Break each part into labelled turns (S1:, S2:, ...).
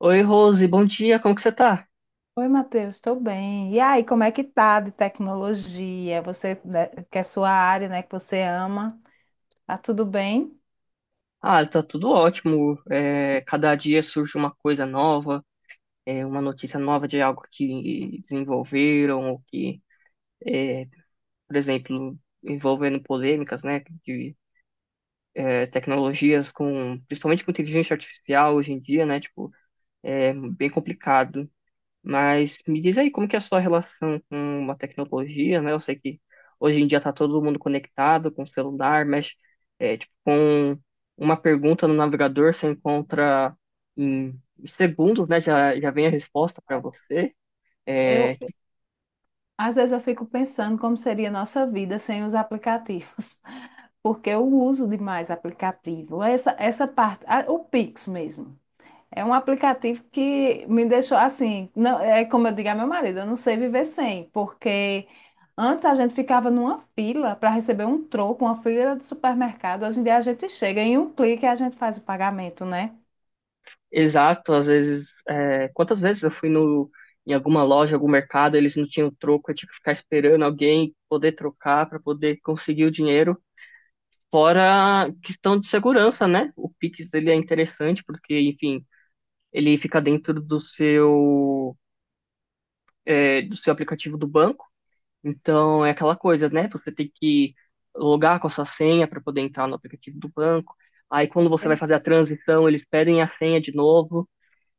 S1: Oi, Rose, bom dia, como que você tá?
S2: Oi, Matheus, estou bem. E aí, como é que tá de tecnologia? Você, né, que é sua área, né, que você ama, tá tudo bem?
S1: Ah, tá tudo ótimo. Cada dia surge uma coisa nova, uma notícia nova de algo que desenvolveram, é, por exemplo, envolvendo polêmicas, né, de tecnologias com, principalmente com inteligência artificial hoje em dia, né, tipo, é bem complicado. Mas me diz aí, como que é a sua relação com a tecnologia, né? Eu sei que hoje em dia está todo mundo conectado com o celular, mas tipo, com uma pergunta no navegador você encontra em segundos, né? Já vem a resposta para você.
S2: Eu,
S1: É,
S2: às vezes eu fico pensando como seria a nossa vida sem os aplicativos, porque eu uso demais aplicativo. Essa parte, ah, o Pix mesmo. É um aplicativo que me deixou assim, não, é como eu digo a meu marido, eu não sei viver sem, porque antes a gente ficava numa fila para receber um troco, uma fila de supermercado. Hoje em dia a gente chega em um clique e a gente faz o pagamento, né?
S1: exato. Às vezes, quantas vezes eu fui no, em alguma loja, algum mercado, eles não tinham troco, eu tinha que ficar esperando alguém poder trocar para poder conseguir o dinheiro. Fora a questão de segurança, né? O Pix dele é interessante porque, enfim, ele fica dentro do do seu aplicativo do banco. Então é aquela coisa, né? Você tem que logar com a sua senha para poder entrar no aplicativo do banco. Aí
S2: É,
S1: quando você vai
S2: sim.
S1: fazer a transição, eles pedem a senha de novo.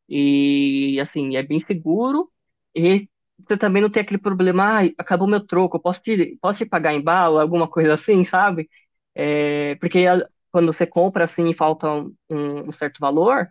S1: E assim, é bem seguro. E você também não tem aquele problema, ah, acabou meu troco, posso te pagar em bala, alguma coisa assim, sabe? É, porque a- quando você compra assim e falta um certo valor,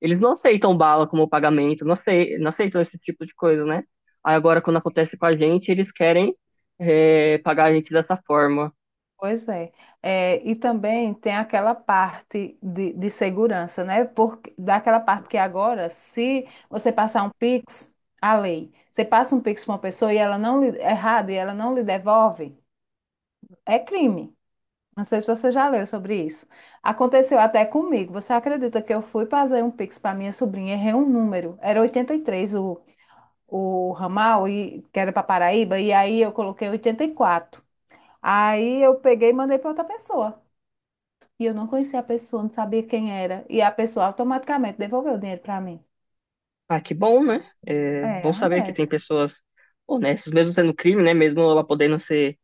S1: eles não aceitam bala como pagamento, não aceitam esse tipo de coisa, né? Aí agora, quando acontece com a gente, eles querem pagar a gente dessa forma.
S2: Pois é. É, e também tem aquela parte de segurança, né? Porque, daquela parte que agora, se você passar um Pix, a lei, você passa um Pix para uma pessoa e ela não lhe, errado e ela não lhe devolve, é crime. Não sei se você já leu sobre isso. Aconteceu até comigo. Você acredita que eu fui fazer um Pix para minha sobrinha, errei um número. Era 83 o ramal, e, que era para Paraíba, e aí eu coloquei 84. Aí eu peguei e mandei para outra pessoa. E eu não conhecia a pessoa, não sabia quem era. E a pessoa automaticamente devolveu o dinheiro para mim.
S1: Ah, que bom, né? É bom
S2: É,
S1: saber que tem
S2: honesto.
S1: pessoas honestas, mesmo sendo crime, né? Mesmo ela podendo ser,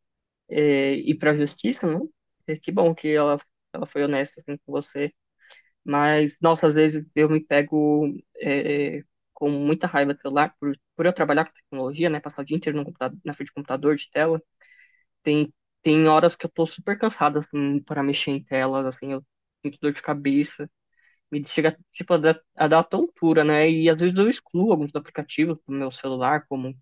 S1: é, ir pra justiça, né? Que bom que ela foi honesta assim, com você. Mas, nossa, às vezes eu me pego é, com muita raiva do celular por eu trabalhar com tecnologia, né? Passar o dia inteiro no computa- na frente do computador, de tela. Tem, tem horas que eu tô super cansada, assim, para mexer em telas, assim, eu sinto dor de cabeça. Me chega, tipo, a dar tontura, né? E às vezes eu excluo alguns aplicativos do meu celular, como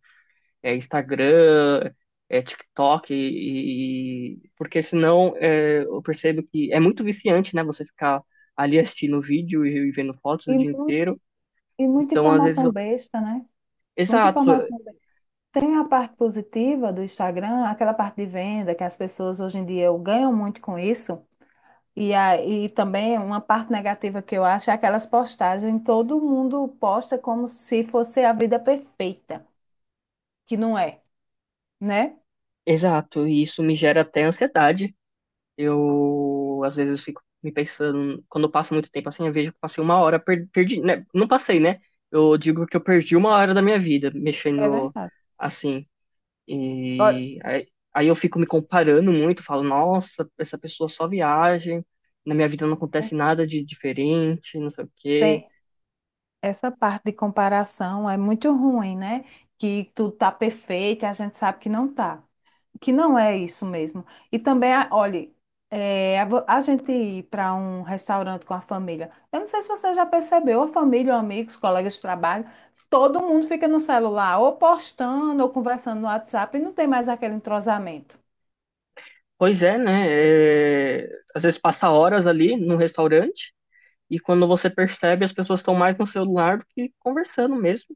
S1: Instagram, TikTok, porque senão eu percebo que é muito viciante, né? Você ficar ali assistindo vídeo e vendo fotos o
S2: E,
S1: dia
S2: mu-
S1: inteiro.
S2: e muita
S1: Então, às vezes,
S2: informação
S1: eu-
S2: besta, né? Muita
S1: exato,
S2: informação. Tem a parte positiva do Instagram, aquela parte de venda que as pessoas hoje em dia ganham muito com isso. E aí também uma parte negativa que eu acho é aquelas postagens, todo mundo posta como se fosse a vida perfeita, que não é, né?
S1: exato, e isso me gera até ansiedade. Eu, às vezes, fico me pensando, quando eu passo muito tempo assim, eu vejo que eu passei uma hora, perdi, né? Não passei, né? Eu digo que eu perdi uma hora da minha vida
S2: É
S1: mexendo
S2: verdade.
S1: assim.
S2: Olha,
S1: E aí, eu fico me comparando muito, falo, nossa, essa pessoa só viaja, na minha vida não acontece nada de diferente, não sei o quê.
S2: tem essa parte de comparação é muito ruim, né? Que tudo tá perfeito, e a gente sabe que não tá, que não é isso mesmo. E também, olhe, a gente ir para um restaurante com a família. Eu não sei se você já percebeu, a família, ou amigos, colegas de trabalho, todo mundo fica no celular, ou postando, ou conversando no WhatsApp, e não tem mais aquele entrosamento.
S1: Pois é, né? É, às vezes passa horas ali no restaurante e quando você percebe, as pessoas estão mais no celular do que conversando mesmo.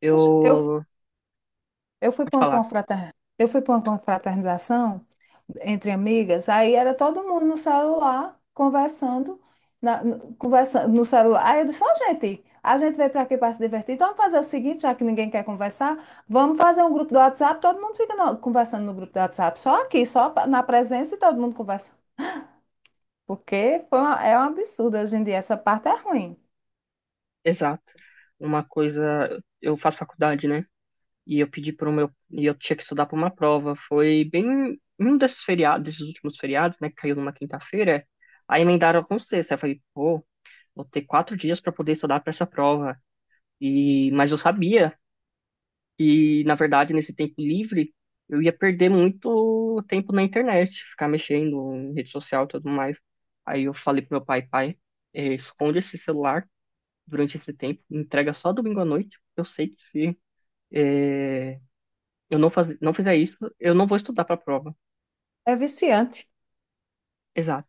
S2: Poxa, Eu
S1: Vou
S2: Eu fui
S1: te
S2: para uma
S1: falar,
S2: eu fui para uma confraternização entre amigas, aí era todo mundo no celular conversando, conversando no celular. Aí eu disse, ó, gente, a gente veio para aqui para se divertir, então vamos fazer o seguinte, já que ninguém quer conversar, vamos fazer um grupo do WhatsApp, todo mundo fica conversando no grupo do WhatsApp, só aqui, na presença e todo mundo conversa. Porque é um absurdo hoje em dia, essa parte é ruim,
S1: exato. Uma coisa, eu faço faculdade, né? e eu pedi para o meu e eu tinha que estudar para uma prova. Foi bem um desses feriados, desses últimos feriados, né, que caiu numa quinta-feira. Aí emendaram com sexta. Aí eu falei, pô, vou ter quatro dias para poder estudar para essa prova. Mas eu sabia que na verdade nesse tempo livre eu ia perder muito tempo na internet, ficar mexendo em rede social e tudo mais. Aí eu falei pro meu pai, pai, esconde esse celular durante esse tempo, entrega só domingo à noite. Porque eu sei que se eh, eu não faz, não fizer isso, eu não vou estudar para a prova.
S2: é viciante.
S1: Exato.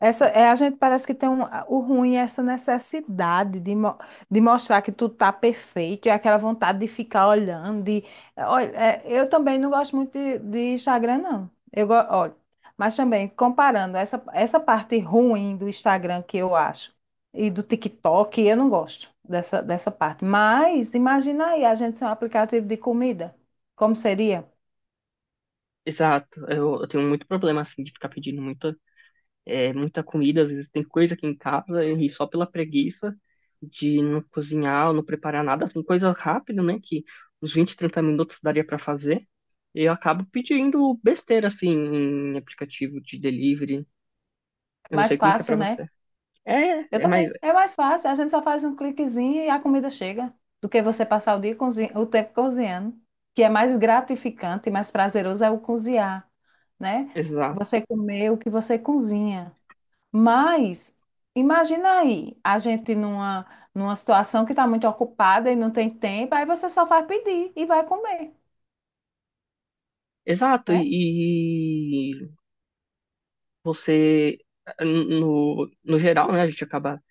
S2: A gente parece que tem o ruim é essa necessidade de mostrar que tu tá perfeito, é aquela vontade de ficar olhando. De, olha, é, eu também não gosto muito de Instagram, não. Olha, mas também, comparando essa parte ruim do Instagram que eu acho e do TikTok, eu não gosto dessa parte. Mas imagina aí a gente ser um aplicativo de comida. Como seria?
S1: Exato. Eu tenho muito problema assim de ficar pedindo muita comida, às vezes tem coisa aqui em casa e só pela preguiça de não cozinhar ou não preparar nada, assim, coisa rápida, né, que uns 20 ou 30 minutos daria para fazer. Eu acabo pedindo besteira assim em aplicativo de delivery. Eu não sei
S2: Mais
S1: como que é para
S2: fácil, né?
S1: você.
S2: Eu
S1: É, é mais
S2: também. É mais fácil. A gente só faz um cliquezinho e a comida chega. Do que você passar o o tempo cozinhando. Que é mais gratificante e mais prazeroso é o cozinhar, né?
S1: exato.
S2: Você comer o que você cozinha. Mas imagina aí, a gente numa situação que está muito ocupada e não tem tempo, aí você só vai pedir e vai comer,
S1: Exato,
S2: né?
S1: você no geral, né, a gente acaba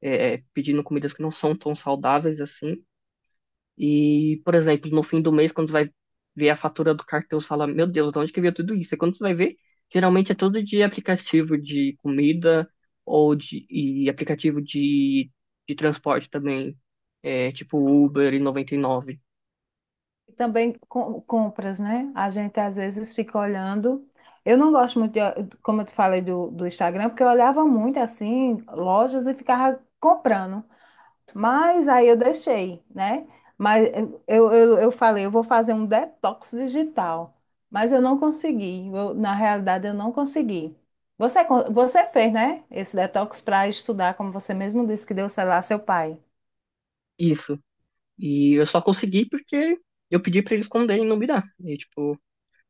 S1: pedindo comidas que não são tão saudáveis assim. E, por exemplo, no fim do mês, quando você vai ver a fatura do cartão, você fala, meu Deus, de onde que veio tudo isso? E quando você vai ver, geralmente é tudo de aplicativo de comida ou de aplicativo de transporte também, tipo Uber e 99.
S2: E também compras, né? A gente às vezes fica olhando. Eu não gosto muito, de, como eu te falei, do Instagram, porque eu olhava muito assim, lojas e ficava comprando. Mas aí eu deixei, né? Mas eu falei, eu vou fazer um detox digital. Mas eu não consegui. Na realidade, eu não consegui. Você fez, né? Esse detox para estudar, como você mesmo disse que deu, sei lá, seu pai.
S1: Isso. E eu só consegui porque eu pedi pra ele esconder e não me dar. E, tipo,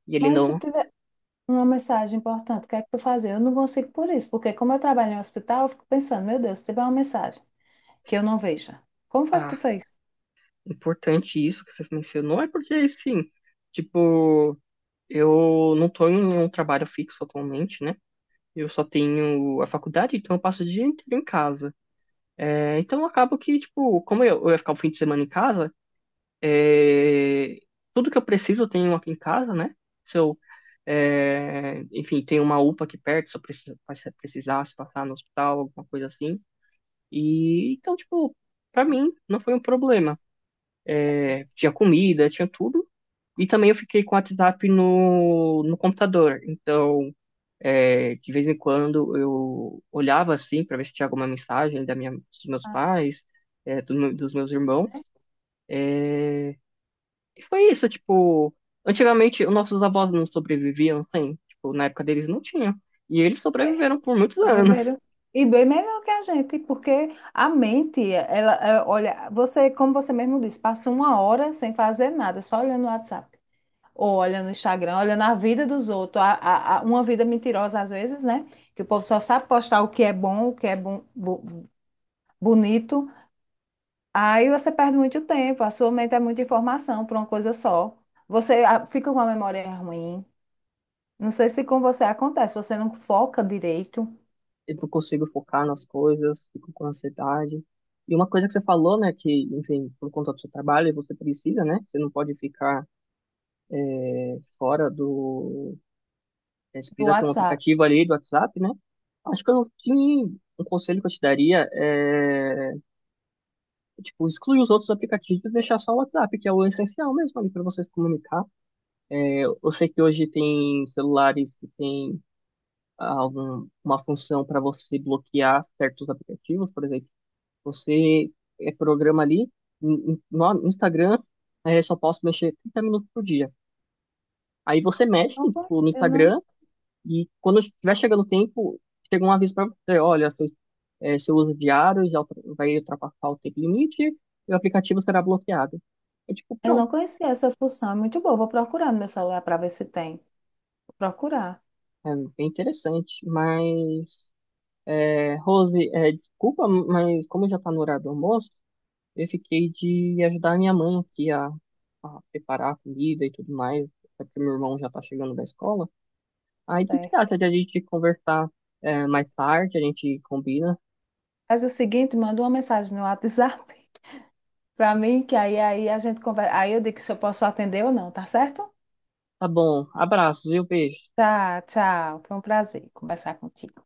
S1: e ele
S2: Mas se
S1: não.
S2: tiver uma mensagem importante, o que é que tu fazer? Eu não consigo por isso, porque como eu trabalho em um hospital, eu fico pensando, meu Deus, se tiver uma mensagem que eu não veja, como foi que tu
S1: Ah,
S2: fez?
S1: importante isso que você mencionou, é porque, assim, tipo, eu não estou em um trabalho fixo atualmente, né? Eu só tenho a faculdade, então eu passo o dia inteiro em casa. É, então acabo que, tipo, como eu ia ficar o fim de semana em casa, é, tudo que eu preciso eu tenho aqui em casa, né? Se eu, é, enfim, tem uma UPA aqui perto, se eu precisar, se eu precisasse passar no hospital, alguma coisa assim. E então, tipo, pra mim não foi um problema. É, tinha comida, tinha tudo. E também eu fiquei com o WhatsApp no computador. Então, é, de vez em quando eu olhava assim para ver se tinha alguma mensagem dos meus
S2: Ah,
S1: pais, dos meus irmãos.
S2: né?
S1: E foi isso, tipo, antigamente os nossos avós não sobreviviam sem, tipo, na época deles não tinha. E eles sobreviveram por muitos anos.
S2: Sobreviveram. E bem melhor que a gente, porque a mente, ela, é, olha, você, como você mesmo disse, passa uma hora sem fazer nada, só olhando o WhatsApp, ou olhando o Instagram, olhando a vida dos outros, uma vida mentirosa às vezes, né? Que o povo só sabe postar o que é bom, o que é bom, bonito. Aí você perde muito tempo, a sua mente é muita informação para uma coisa só. Você, ah, fica com a memória ruim. Não sei se com você acontece, você não foca direito
S1: Eu não consigo focar nas coisas, fico com ansiedade. E uma coisa que você falou, né, que, enfim, por conta do seu trabalho, você precisa, né, você não pode ficar é, fora do você
S2: do
S1: precisa ter um
S2: WhatsApp.
S1: aplicativo ali do WhatsApp, né? Acho que eu não tinha um conselho que eu te daria é, tipo, excluir os outros aplicativos e deixar só o WhatsApp, que é o essencial mesmo ali para você se comunicar. Eu sei que hoje tem celulares que tem uma função para você bloquear certos aplicativos, por exemplo, você programa ali, no Instagram, só posso mexer 30 minutos por dia. Aí você
S2: Eu
S1: mexe,
S2: não, conhe-
S1: tipo, no
S2: eu não,
S1: Instagram, e quando estiver chegando o tempo, chega um aviso para você, olha, seu uso diário vai ultrapassar o tempo limite e o aplicativo será bloqueado. É tipo,
S2: eu não
S1: pronto,
S2: conhecia essa função, é muito boa. Vou procurar no meu celular para ver se tem. Vou procurar.
S1: é bem interessante. Mas, Rose, desculpa, mas como já está no horário do almoço, eu fiquei de ajudar minha mãe aqui a preparar a comida e tudo mais, até porque meu irmão já está chegando da escola.
S2: Tá
S1: Aí, o que que você
S2: certo.
S1: acha de a gente conversar, mais tarde? A gente combina.
S2: Faz o seguinte, manda uma mensagem no WhatsApp para mim, que aí a gente conversa. Aí eu digo se eu posso atender ou não, tá certo?
S1: Tá bom, abraços, viu? Beijo.
S2: Tá, tchau. Foi um prazer conversar contigo.